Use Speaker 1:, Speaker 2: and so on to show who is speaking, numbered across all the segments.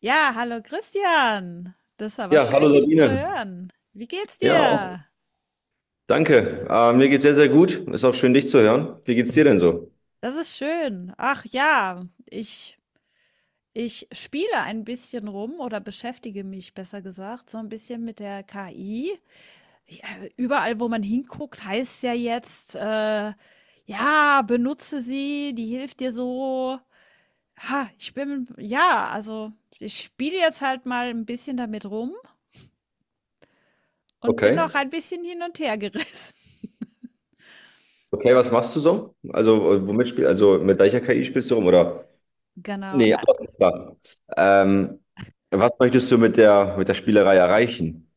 Speaker 1: Ja, hallo Christian. Das ist aber
Speaker 2: Ja, hallo
Speaker 1: schön, dich zu
Speaker 2: Sabine.
Speaker 1: hören. Wie geht's
Speaker 2: Ja, auch,
Speaker 1: dir?
Speaker 2: danke. Mir geht's sehr, sehr gut. Ist auch schön, dich zu hören. Wie geht's dir denn so?
Speaker 1: Das ist schön. Ach ja, ich spiele ein bisschen rum oder beschäftige mich, besser gesagt, so ein bisschen mit der KI. Ja, überall, wo man hinguckt, heißt es ja jetzt, ja, benutze sie, die hilft dir so. Ha, ich bin, ja, also ich spiele jetzt halt mal ein bisschen damit rum und bin
Speaker 2: Okay.
Speaker 1: noch ein bisschen hin und her gerissen.
Speaker 2: Okay, was machst du so? Also, also mit welcher KI spielst du rum? Oder?
Speaker 1: Genau.
Speaker 2: Nee,
Speaker 1: A
Speaker 2: anders ist da. Ähm, Was möchtest du mit der Spielerei erreichen?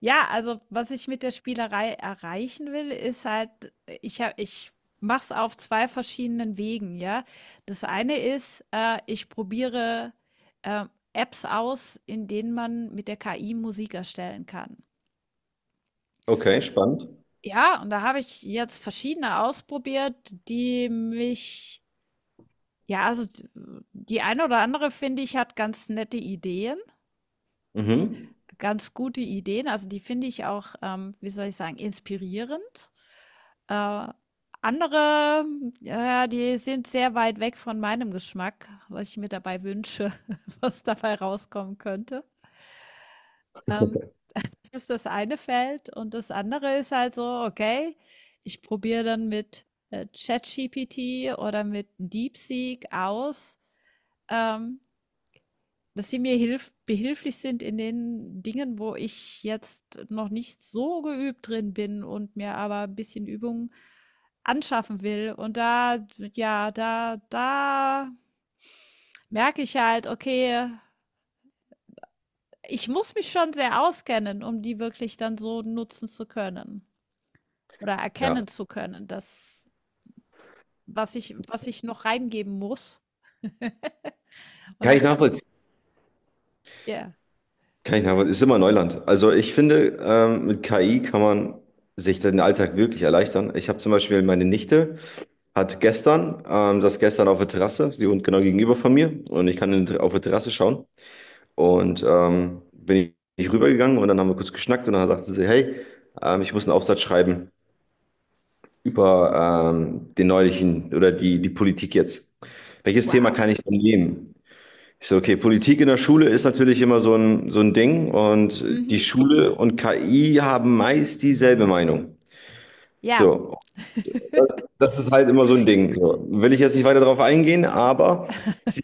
Speaker 1: ja, also, was ich mit der Spielerei erreichen will, ist halt, ich mache es auf 2 verschiedenen Wegen, ja. Das eine ist, ich probiere, Apps aus, in denen man mit der KI Musik erstellen kann.
Speaker 2: Okay, spannend.
Speaker 1: Ja, und da habe ich jetzt verschiedene ausprobiert, die mich ja, also, die eine oder andere, finde ich, hat ganz nette Ideen.
Speaker 2: Mhm.
Speaker 1: Ganz gute Ideen. Also, die finde ich auch, wie soll ich sagen, inspirierend. Äh, andere, ja, die sind sehr weit weg von meinem Geschmack, was ich mir dabei wünsche, was dabei rauskommen könnte. Ähm, das ist das eine Feld und das andere ist halt so, okay, ich probiere dann mit, ChatGPT oder mit DeepSeek aus, ähm dass sie mir hilf behilflich sind in den Dingen, wo ich jetzt noch nicht so geübt drin bin und mir aber ein bisschen Übung anschaffen will. Und da ja, da merke ich halt, okay, ich muss mich schon sehr auskennen, um die wirklich dann so nutzen zu können oder
Speaker 2: Ja.
Speaker 1: erkennen zu können, das was ich noch reingeben muss. Und
Speaker 2: Kann
Speaker 1: dann
Speaker 2: ich
Speaker 1: kann ich's
Speaker 2: nachvollziehen.
Speaker 1: ja,
Speaker 2: Kann ich nachvollziehen. Ist immer Neuland. Also ich finde, mit KI kann man sich den Alltag wirklich erleichtern. Ich habe zum Beispiel meine Nichte. Saß gestern auf der Terrasse, sie und genau gegenüber von mir. Und ich kann auf der Terrasse schauen. Und ich rübergegangen und dann haben wir kurz geschnackt und dann sagte sie, hey, ich muss einen Aufsatz schreiben über den neulichen oder die, die Politik jetzt. Welches Thema
Speaker 1: wow.
Speaker 2: kann ich denn nehmen? Ich so, okay, Politik in der Schule ist natürlich immer so ein Ding, und die
Speaker 1: Mhm.
Speaker 2: Schule und KI haben meist dieselbe Meinung.
Speaker 1: Ja,
Speaker 2: So, das ist halt immer so ein Ding. So, will ich jetzt nicht weiter darauf eingehen, aber Sie,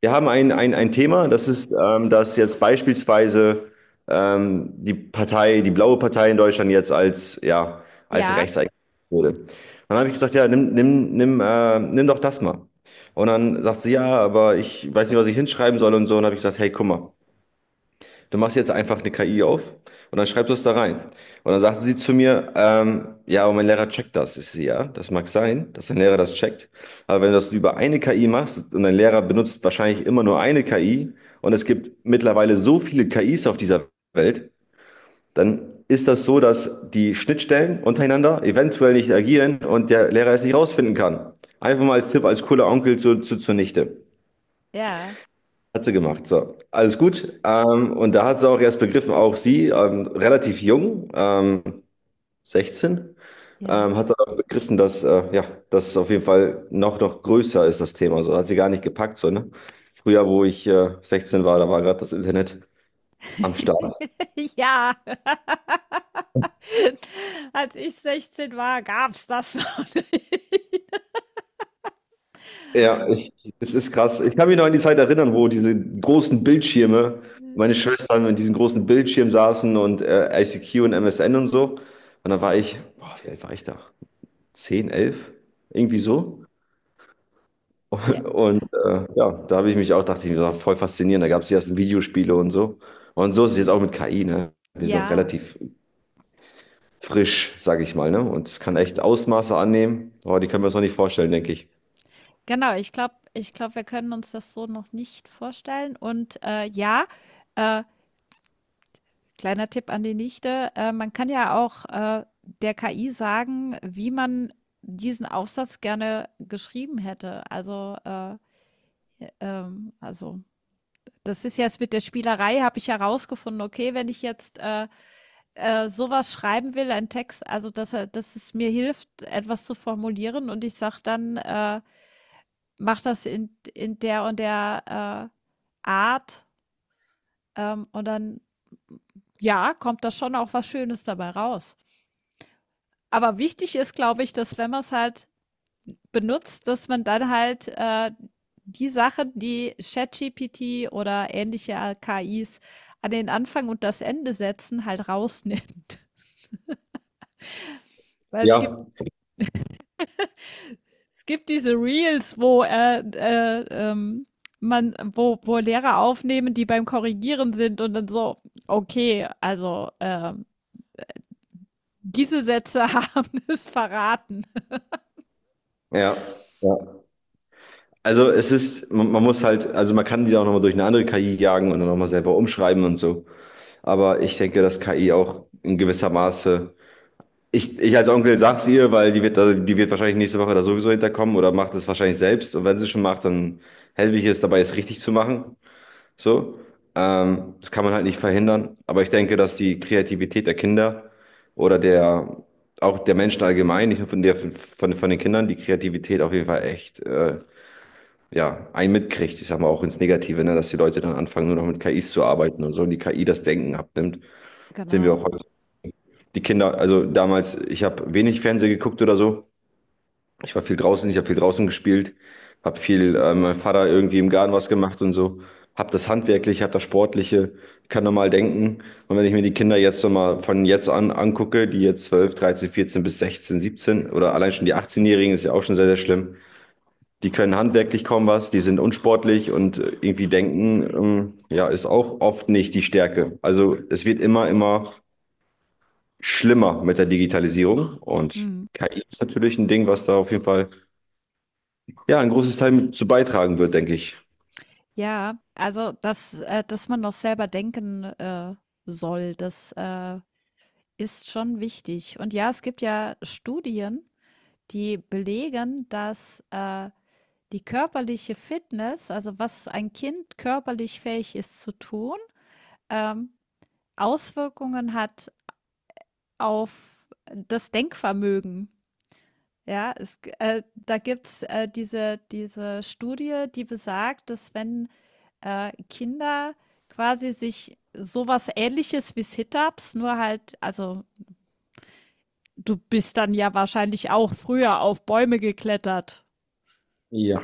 Speaker 2: wir haben ein Thema, das ist, dass jetzt beispielsweise die Partei, die blaue Partei in Deutschland jetzt ja, als
Speaker 1: ja.
Speaker 2: rechts eingestuft wurde. Dann habe ich gesagt, ja, nimm doch das mal. Und dann sagt sie, ja, aber ich weiß nicht, was ich hinschreiben soll und so. Und dann habe ich gesagt, hey, guck mal. Du machst jetzt einfach eine KI auf und dann schreibst du es da rein. Und dann sagte sie zu mir, ja, aber mein Lehrer checkt das. Ich sehe, ja, das mag sein, dass dein Lehrer das checkt. Aber wenn du das über eine KI machst und dein Lehrer benutzt wahrscheinlich immer nur eine KI und es gibt mittlerweile so viele KIs auf dieser Welt, dann ist das so, dass die Schnittstellen untereinander eventuell nicht agieren und der Lehrer es nicht rausfinden kann. Einfach mal als Tipp, als cooler Onkel zunichte.
Speaker 1: Ja,
Speaker 2: Hat sie gemacht, so. Alles gut. Und da hat sie auch erst begriffen, auch sie, relativ jung, 16,
Speaker 1: ja.
Speaker 2: hat dann begriffen, dass, ja, das auf jeden Fall noch, noch größer ist, das Thema. So hat sie gar nicht gepackt, so, ne? Früher, wo ich 16 war, da war gerade das Internet am Start.
Speaker 1: Ja. Als ich 16 war, gab's das noch nicht.
Speaker 2: Ja, ich, es ist krass. Ich kann mich noch an die Zeit erinnern, wo diese großen Bildschirme,
Speaker 1: J
Speaker 2: meine Schwestern in diesen großen Bildschirmen saßen und ICQ und MSN und so. Und da war ich, boah, wie alt war ich da? 10, 11 irgendwie so.
Speaker 1: ja,
Speaker 2: Und ja, da habe ich mich auch, dachte ich mir, das war voll faszinierend. Da gab es die ersten Videospiele und so. Und so ist es jetzt auch mit KI, ne? Wir sind noch
Speaker 1: ja.
Speaker 2: relativ frisch, sage ich mal, ne? Und es kann echt Ausmaße annehmen, aber die können wir uns noch nicht vorstellen, denke ich.
Speaker 1: Genau. Ich glaube, wir können uns das so noch nicht vorstellen. Und, ja, äh, kleiner Tipp an die Nichte, man kann ja auch, der KI sagen, wie man diesen Aufsatz gerne geschrieben hätte. Also, ja, also das ist jetzt mit der Spielerei, habe ich herausgefunden, okay, wenn ich jetzt, sowas schreiben will, ein Text, also dass es mir hilft, etwas zu formulieren und ich sage dann, mach das in der und der Art, und dann, ja, kommt da schon auch was Schönes dabei raus. Aber wichtig ist, glaube ich, dass wenn man es halt benutzt, dass man dann halt die Sachen, die ChatGPT oder ähnliche KIs an den Anfang und das Ende setzen, halt rausnimmt. Weil es gibt
Speaker 2: Ja,
Speaker 1: Es gibt diese Reels, wo wo Lehrer aufnehmen, die beim Korrigieren sind und dann so, okay, also diese Sätze haben es verraten.
Speaker 2: ja, ja. Also es ist, man muss halt, also man kann die auch nochmal durch eine andere KI jagen und dann nochmal selber umschreiben und so. Aber ich denke, dass KI auch in gewisser Maße Ich, ich als Onkel sag's ihr, weil die wird, die wird wahrscheinlich nächste Woche da sowieso hinterkommen oder macht es wahrscheinlich selbst. Und wenn sie schon macht, dann helfe ich es dabei, es richtig zu machen. So. Das kann man halt nicht verhindern. Aber ich denke, dass die Kreativität der Kinder oder der, auch der Menschen allgemein, nicht nur von der, von den Kindern, die Kreativität auf jeden Fall echt, ja, einen mitkriegt. Ich sag mal auch ins Negative, ne, dass die Leute dann anfangen, nur noch mit KIs zu arbeiten und so und die KI das Denken abnimmt. Sehen wir
Speaker 1: Genau.
Speaker 2: auch heute. Die Kinder, also damals, ich habe wenig Fernsehen geguckt oder so. Ich war viel draußen, ich habe viel draußen gespielt, habe viel, mein Vater irgendwie im Garten was gemacht und so. Hab das Handwerkliche, hab das Sportliche, kann normal denken. Und wenn ich mir die Kinder jetzt noch mal von jetzt an angucke, die jetzt 12, 13, 14 bis 16, 17 oder allein schon die 18 jährigen, ist ja auch schon sehr, sehr schlimm. Die können handwerklich kaum was, die sind unsportlich und irgendwie denken, ja, ist auch oft nicht die Stärke. Also es wird immer, immer schlimmer mit der Digitalisierung, und
Speaker 1: Mhm.
Speaker 2: KI ist natürlich ein Ding, was da auf jeden Fall ja, ein großes Teil mit zu beitragen wird, denke ich.
Speaker 1: Ja, also dass man noch selber denken soll, das ist schon wichtig. Und ja, es gibt ja Studien, die belegen, dass die körperliche Fitness, also was ein Kind körperlich fähig ist zu tun, ähm, Auswirkungen hat auf das Denkvermögen. Ja, es, da gibt es diese Studie, die besagt, dass wenn Kinder quasi sich sowas ähnliches wie Sit-ups, nur halt, also du bist dann ja wahrscheinlich auch früher auf Bäume geklettert.
Speaker 2: Ja,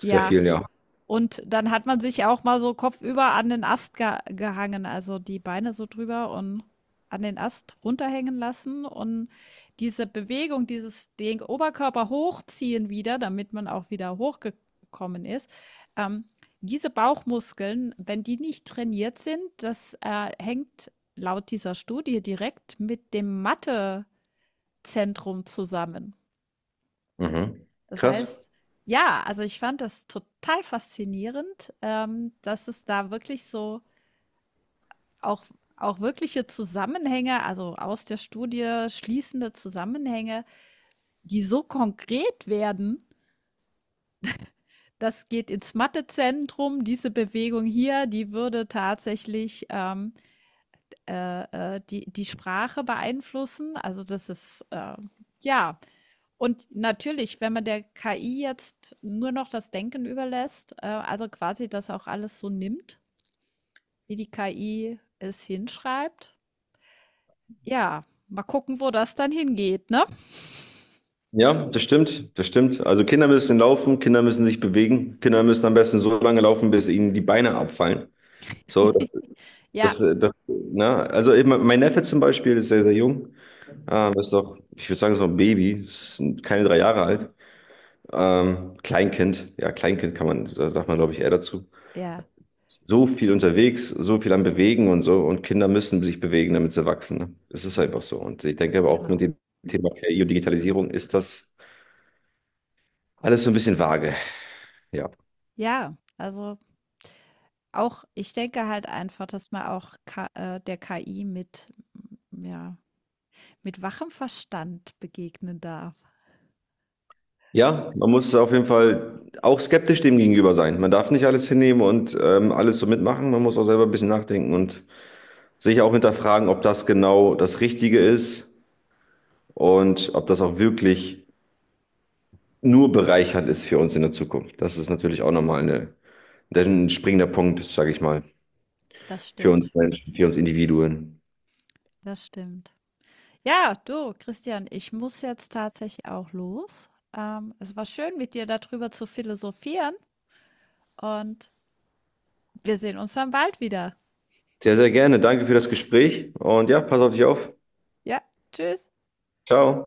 Speaker 2: sehr
Speaker 1: Ja,
Speaker 2: viel, ja.
Speaker 1: und dann hat man sich auch mal so kopfüber an den Ast ge gehangen, also die Beine so drüber und an den Ast runterhängen lassen und diese Bewegung, dieses den Oberkörper hochziehen wieder, damit man auch wieder hochgekommen ist. Ähm, diese Bauchmuskeln, wenn die nicht trainiert sind, das hängt laut dieser Studie direkt mit dem Mathezentrum zusammen.
Speaker 2: Mhm.
Speaker 1: Das
Speaker 2: Krass.
Speaker 1: heißt ja, also ich fand das total faszinierend, dass es da wirklich so auch auch wirkliche Zusammenhänge, also aus der Studie schließende Zusammenhänge, die so konkret werden, das geht ins Mathezentrum, diese Bewegung hier, die würde tatsächlich, die, die Sprache beeinflussen. Also das ist, ja. Und natürlich, wenn man der KI jetzt nur noch das Denken überlässt, also quasi das auch alles so nimmt, wie die KI es hinschreibt, ja, mal gucken, wo das dann hingeht, ne?
Speaker 2: Ja, das stimmt, das stimmt. Also Kinder müssen laufen, Kinder müssen sich bewegen, Kinder müssen am besten so lange laufen, bis ihnen die Beine abfallen. So, das,
Speaker 1: Ja,
Speaker 2: das, na, also eben mein Neffe zum Beispiel ist sehr, sehr jung. Ist doch, ich würde sagen, so ein Baby, ist keine 3 Jahre alt. Kleinkind, ja, Kleinkind kann man, da sagt man, glaube ich, eher dazu.
Speaker 1: ja,
Speaker 2: So viel unterwegs, so viel am Bewegen und so. Und Kinder müssen sich bewegen, damit sie wachsen, ne? Es ist einfach so. Und ich denke aber auch, mit
Speaker 1: genau.
Speaker 2: dem Thema KI und Digitalisierung ist das alles so ein bisschen vage. Ja.
Speaker 1: Ja, also auch, ich denke halt einfach, dass man auch Ka der KI mit, ja, mit wachem Verstand begegnen darf.
Speaker 2: Ja, man muss auf jeden Fall auch skeptisch dem gegenüber sein. Man darf nicht alles hinnehmen und alles so mitmachen. Man muss auch selber ein bisschen nachdenken und sich auch hinterfragen, ob das genau das Richtige ist und ob das auch wirklich nur bereichernd ist für uns in der Zukunft. Das ist natürlich auch nochmal eine, ein springender Punkt, sage ich mal.
Speaker 1: Das
Speaker 2: Für
Speaker 1: stimmt.
Speaker 2: uns Menschen, für uns Individuen.
Speaker 1: Das stimmt. Ja, du, Christian, ich muss jetzt tatsächlich auch los. Es war schön, mit dir darüber zu philosophieren und wir sehen uns dann bald wieder.
Speaker 2: Sehr, sehr gerne. Danke für das Gespräch und ja, pass auf dich auf.
Speaker 1: Ja, tschüss.
Speaker 2: Ciao.